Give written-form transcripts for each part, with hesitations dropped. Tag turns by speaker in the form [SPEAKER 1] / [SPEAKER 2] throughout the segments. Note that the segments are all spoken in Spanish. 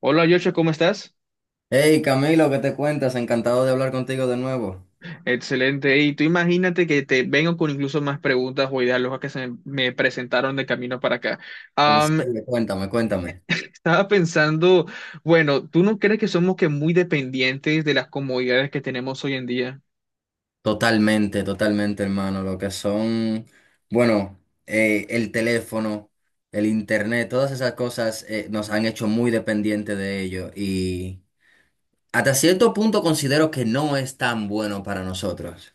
[SPEAKER 1] Hola, Joshua, ¿cómo estás?
[SPEAKER 2] Hey Camilo, ¿qué te cuentas? Encantado de hablar contigo de nuevo.
[SPEAKER 1] Excelente. Y tú imagínate que te vengo con incluso más preguntas o ideas locas que se me presentaron de camino para acá.
[SPEAKER 2] En
[SPEAKER 1] Am,
[SPEAKER 2] serio, cuéntame, cuéntame.
[SPEAKER 1] estaba pensando, bueno, ¿tú no crees que somos que muy dependientes de las comodidades que tenemos hoy en día?
[SPEAKER 2] Totalmente, totalmente, hermano. Lo que son, bueno, el teléfono, el internet, todas esas cosas nos han hecho muy dependientes de ello y hasta cierto punto considero que no es tan bueno para nosotros.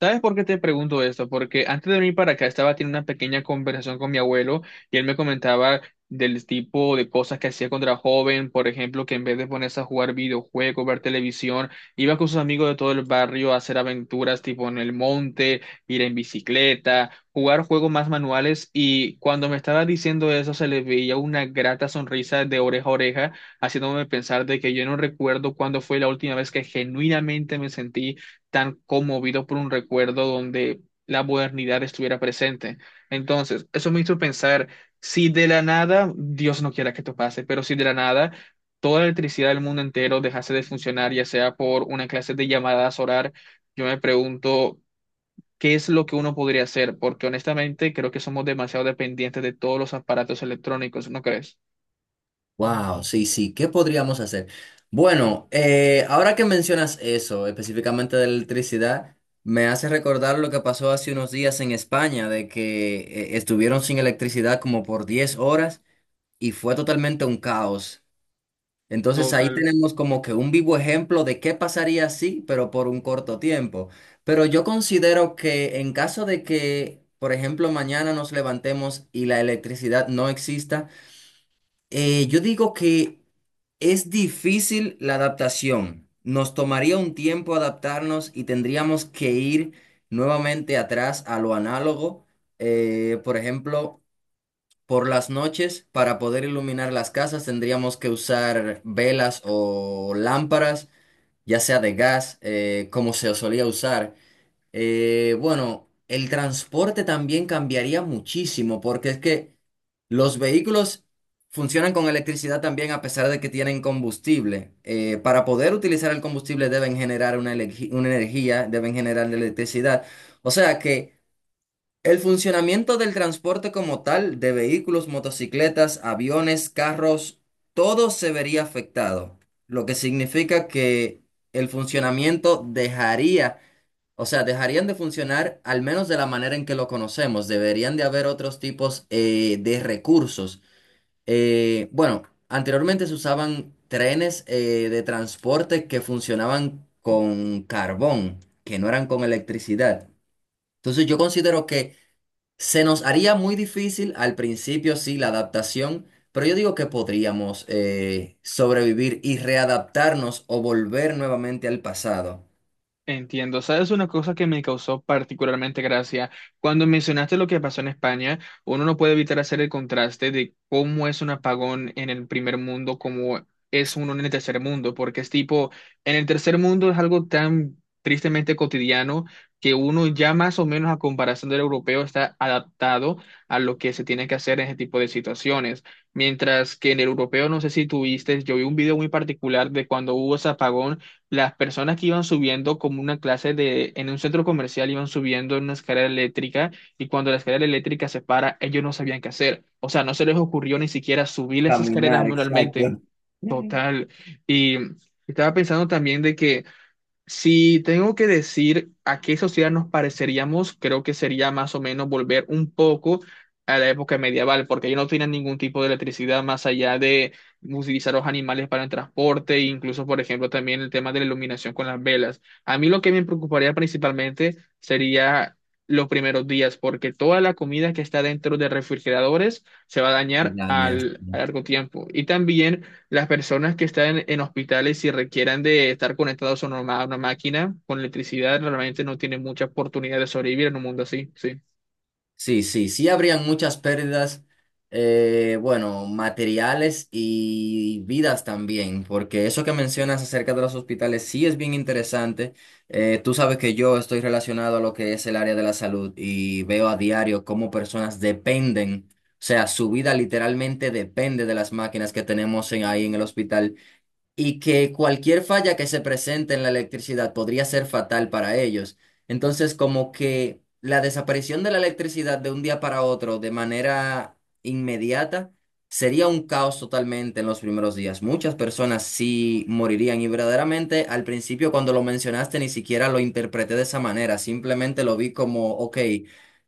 [SPEAKER 1] ¿Sabes por qué te pregunto esto? Porque antes de venir para acá estaba teniendo una pequeña conversación con mi abuelo y él me comentaba del tipo de cosas que hacía cuando era joven, por ejemplo, que en vez de ponerse a jugar videojuegos, ver televisión, iba con sus amigos de todo el barrio a hacer aventuras tipo en el monte, ir en bicicleta, jugar juegos más manuales, y cuando me estaba diciendo eso se le veía una grata sonrisa de oreja a oreja, haciéndome pensar de que yo no recuerdo cuándo fue la última vez que genuinamente me sentí tan conmovido por un recuerdo donde la modernidad estuviera presente. Entonces, eso me hizo pensar, si de la nada, Dios no quiera que esto pase, pero si de la nada toda la electricidad del mundo entero dejase de funcionar, ya sea por una clase de llamadas orar, yo me pregunto, ¿qué es lo que uno podría hacer? Porque honestamente creo que somos demasiado dependientes de todos los aparatos electrónicos, ¿no crees?
[SPEAKER 2] Wow, sí, sí, ¿qué podríamos hacer? Bueno, ahora que mencionas eso, específicamente de la electricidad, me hace recordar lo que pasó hace unos días en España, de que estuvieron sin electricidad como por 10 horas y fue totalmente un caos. Entonces ahí
[SPEAKER 1] Total.
[SPEAKER 2] tenemos como que un vivo ejemplo de qué pasaría así, pero por un corto tiempo. Pero yo considero que en caso de que, por ejemplo, mañana nos levantemos y la electricidad no exista, yo digo que es difícil la adaptación. Nos tomaría un tiempo adaptarnos y tendríamos que ir nuevamente atrás a lo análogo. Por ejemplo, por las noches, para poder iluminar las casas, tendríamos que usar velas o lámparas, ya sea de gas, como se solía usar. Bueno, el transporte también cambiaría muchísimo porque es que los vehículos funcionan con electricidad también a pesar de que tienen combustible. Para poder utilizar el combustible deben generar una, una energía, deben generar electricidad. O sea que el funcionamiento del transporte como tal, de vehículos, motocicletas, aviones, carros, todo se vería afectado, lo que significa que el funcionamiento dejaría o sea, dejarían de funcionar al menos de la manera en que lo conocemos. Deberían de haber otros tipos de recursos. Bueno, anteriormente se usaban trenes de transporte que funcionaban con carbón, que no eran con electricidad. Entonces yo considero que se nos haría muy difícil al principio, sí, la adaptación, pero yo digo que podríamos sobrevivir y readaptarnos o volver nuevamente al pasado.
[SPEAKER 1] Entiendo, ¿sabes una cosa que me causó particularmente gracia? Cuando mencionaste lo que pasó en España, uno no puede evitar hacer el contraste de cómo es un apagón en el primer mundo, como es uno en el tercer mundo, porque es tipo, en el tercer mundo es algo tan tristemente cotidiano que uno ya más o menos a comparación del europeo está adaptado a lo que se tiene que hacer en ese tipo de situaciones. Mientras que en el europeo, no sé si tuviste, yo vi un video muy particular de cuando hubo ese apagón, las personas que iban subiendo como una clase de, en un centro comercial iban subiendo en una escalera eléctrica, y cuando la escalera eléctrica se para, ellos no sabían qué hacer. O sea, no se les ocurrió ni siquiera subir las escaleras
[SPEAKER 2] Caminar,
[SPEAKER 1] manualmente.
[SPEAKER 2] exacto.
[SPEAKER 1] Total. Y estaba pensando también de que si tengo que decir a qué sociedad nos pareceríamos, creo que sería más o menos volver un poco a la época medieval, porque ellos no tenían ningún tipo de electricidad más allá de utilizar los animales para el transporte, e incluso, por ejemplo, también el tema de la iluminación con las velas. A mí lo que me preocuparía principalmente sería los primeros días, porque toda la comida que está dentro de refrigeradores se va a dañar
[SPEAKER 2] Dañas.
[SPEAKER 1] al, a largo tiempo. Y también las personas que están en, hospitales y requieran de estar conectados a una, ma- a una máquina con electricidad, realmente no tienen mucha oportunidad de sobrevivir en un mundo así, sí.
[SPEAKER 2] Sí, sí, sí, habrían muchas pérdidas, bueno, materiales y vidas también, porque eso que mencionas acerca de los hospitales sí es bien interesante. Tú sabes que yo estoy relacionado a lo que es el área de la salud y veo a diario cómo personas dependen, o sea, su vida literalmente depende de las máquinas que tenemos ahí en el hospital, y que cualquier falla que se presente en la electricidad podría ser fatal para ellos. Entonces, como que la desaparición de la electricidad de un día para otro de manera inmediata sería un caos totalmente en los primeros días. Muchas personas sí morirían y verdaderamente al principio cuando lo mencionaste ni siquiera lo interpreté de esa manera, simplemente lo vi como, ok,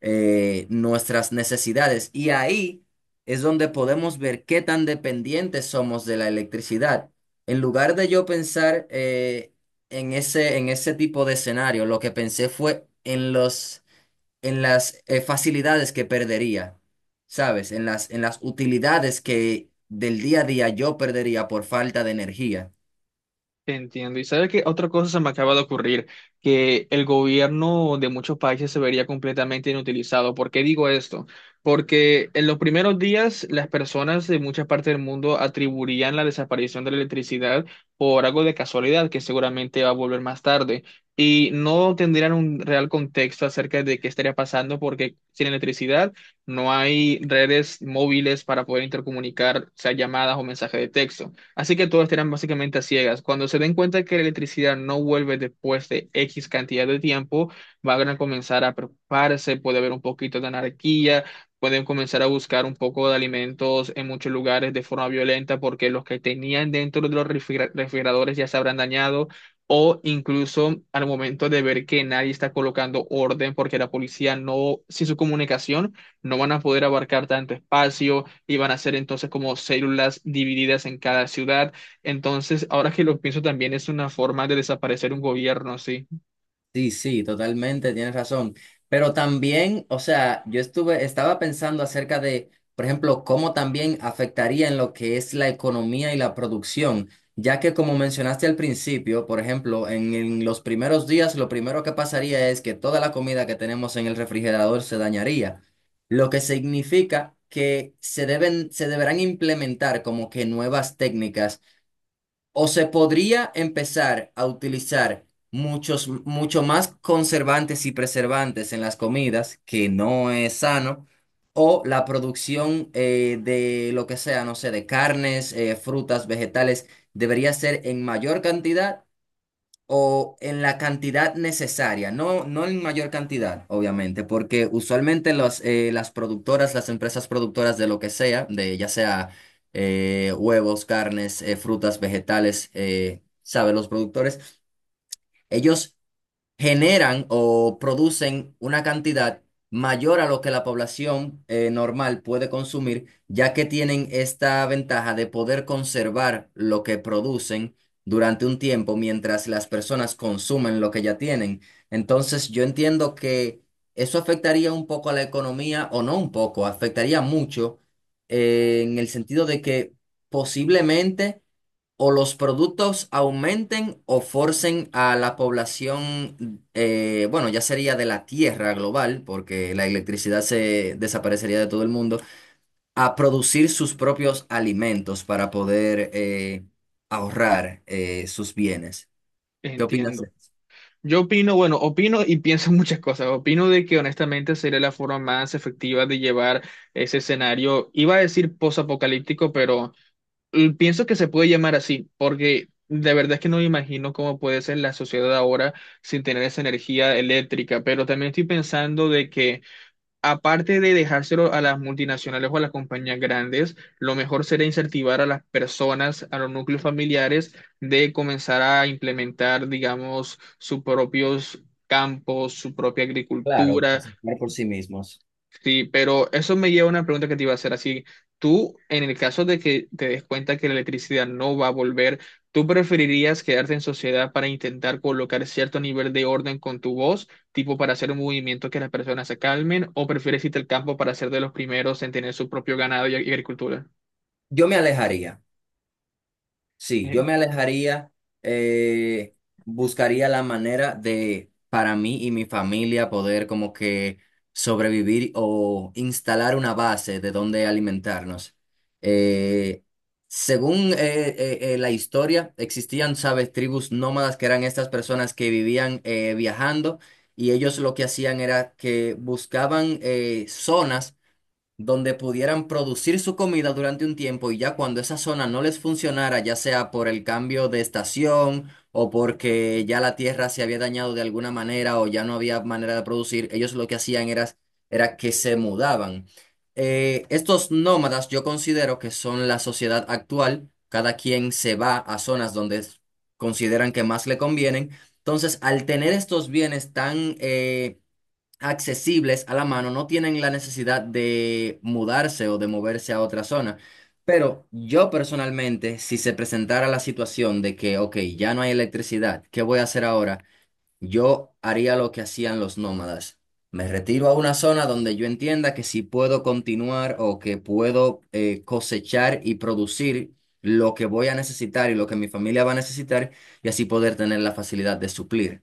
[SPEAKER 2] nuestras necesidades. Y ahí es donde podemos ver qué tan dependientes somos de la electricidad. En lugar de yo pensar en ese tipo de escenario, lo que pensé fue en en las facilidades que perdería, ¿sabes? En en las utilidades que del día a día yo perdería por falta de energía.
[SPEAKER 1] Entiendo. Y sabe que otra cosa se me acaba de ocurrir, que el gobierno de muchos países se vería completamente inutilizado. ¿Por qué digo esto? Porque en los primeros días las personas de muchas partes del mundo atribuirían la desaparición de la electricidad por algo de casualidad que seguramente va a volver más tarde, y no tendrían un real contexto acerca de qué estaría pasando, porque sin electricidad no hay redes móviles para poder intercomunicar, sea llamadas o mensajes de texto. Así que todos estarán básicamente a ciegas. Cuando se den cuenta que la electricidad no vuelve después de X cantidad de tiempo, van a comenzar a preocuparse, puede haber un poquito de anarquía, pueden comenzar a buscar un poco de alimentos en muchos lugares de forma violenta, porque los que tenían dentro de los refrigeradores ya se habrán dañado. O incluso al momento de ver que nadie está colocando orden porque la policía no, sin su comunicación, no van a poder abarcar tanto espacio y van a ser entonces como células divididas en cada ciudad. Entonces, ahora que lo pienso también es una forma de desaparecer un gobierno, sí,
[SPEAKER 2] Sí, sí, totalmente, tienes razón. Pero también, o sea, estaba pensando acerca de, por ejemplo, cómo también afectaría en lo que es la economía y la producción, ya que como mencionaste al principio, por ejemplo, en los primeros días lo primero que pasaría es que toda la comida que tenemos en el refrigerador se dañaría, lo que significa que se deberán implementar como que nuevas técnicas o se podría empezar a utilizar mucho más conservantes y preservantes en las comidas, que no es sano, o la producción de lo que sea, no sé, de carnes, frutas, vegetales, debería ser en mayor cantidad o en la cantidad necesaria, no, no en mayor cantidad, obviamente, porque usualmente las productoras, las empresas productoras de lo que sea, de ya sea huevos, carnes, frutas, vegetales, sabe, los productores, ellos generan o producen una cantidad mayor a lo que la población normal puede consumir, ya que tienen esta ventaja de poder conservar lo que producen durante un tiempo mientras las personas consumen lo que ya tienen. Entonces, yo entiendo que eso afectaría un poco a la economía, o no un poco, afectaría mucho en el sentido de que posiblemente o los productos aumenten o forcen a la población, bueno, ya sería de la Tierra global, porque la electricidad se desaparecería de todo el mundo, a producir sus propios alimentos para poder ahorrar sus bienes. ¿Qué opinas de
[SPEAKER 1] entiendo.
[SPEAKER 2] eso?
[SPEAKER 1] Yo opino, bueno, opino y pienso muchas cosas. Opino de que honestamente sería la forma más efectiva de llevar ese escenario. Iba a decir posapocalíptico, pero pienso que se puede llamar así, porque de verdad es que no me imagino cómo puede ser la sociedad ahora sin tener esa energía eléctrica. Pero también estoy pensando de que aparte de dejárselo a las multinacionales o a las compañías grandes, lo mejor sería incentivar a las personas, a los núcleos familiares, de comenzar a implementar, digamos, sus propios campos, su propia
[SPEAKER 2] Claro,
[SPEAKER 1] agricultura.
[SPEAKER 2] cosechar por sí mismos.
[SPEAKER 1] Sí, pero eso me lleva a una pregunta que te iba a hacer. Así, tú, en el caso de que te des cuenta que la electricidad no va a volver, ¿tú preferirías quedarte en sociedad para intentar colocar cierto nivel de orden con tu voz, tipo para hacer un movimiento que las personas se calmen, o prefieres irte al campo para ser de los primeros en tener su propio ganado y agricultura?
[SPEAKER 2] Yo me alejaría. Sí, yo me alejaría, eh, buscaría la manera de, para mí y mi familia, poder como que sobrevivir o instalar una base de donde alimentarnos. Eh, Según la historia, existían, sabes, tribus nómadas que eran estas personas que vivían viajando y ellos lo que hacían era que buscaban zonas donde pudieran producir su comida durante un tiempo y ya cuando esa zona no les funcionara, ya sea por el cambio de estación o porque ya la tierra se había dañado de alguna manera o ya no había manera de producir, ellos lo que hacían era que se mudaban. Estos nómadas yo considero que son la sociedad actual, cada quien se va a zonas donde consideran que más le convienen. Entonces, al tener estos bienes tan... accesibles a la mano, no tienen la necesidad de mudarse o de moverse a otra zona. Pero yo personalmente, si se presentara la situación de que, ok, ya no hay electricidad, ¿qué voy a hacer ahora? Yo haría lo que hacían los nómadas. Me retiro a una zona donde yo entienda que si puedo continuar o que puedo cosechar y producir lo que voy a necesitar y lo que mi familia va a necesitar y así poder tener la facilidad de suplir.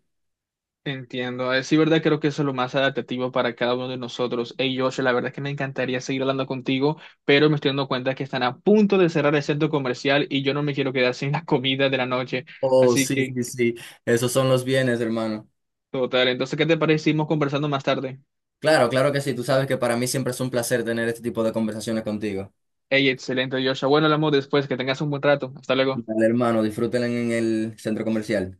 [SPEAKER 1] Entiendo, es sí, verdad, creo que eso es lo más adaptativo para cada uno de nosotros. Hey, Josh, la verdad es que me encantaría seguir hablando contigo, pero me estoy dando cuenta que están a punto de cerrar el centro comercial y yo no me quiero quedar sin la comida de la noche.
[SPEAKER 2] Oh,
[SPEAKER 1] Así
[SPEAKER 2] sí,
[SPEAKER 1] que,
[SPEAKER 2] sí, sí. Esos son los bienes, hermano.
[SPEAKER 1] total. Entonces, ¿qué te parece? Seguimos conversando más tarde.
[SPEAKER 2] Claro, claro que sí. Tú sabes que para mí siempre es un placer tener este tipo de conversaciones contigo.
[SPEAKER 1] Hey, excelente, Josh. Bueno, hablamos después. Que tengas un buen rato. Hasta luego.
[SPEAKER 2] Dale, hermano, disfrútenla en el centro comercial.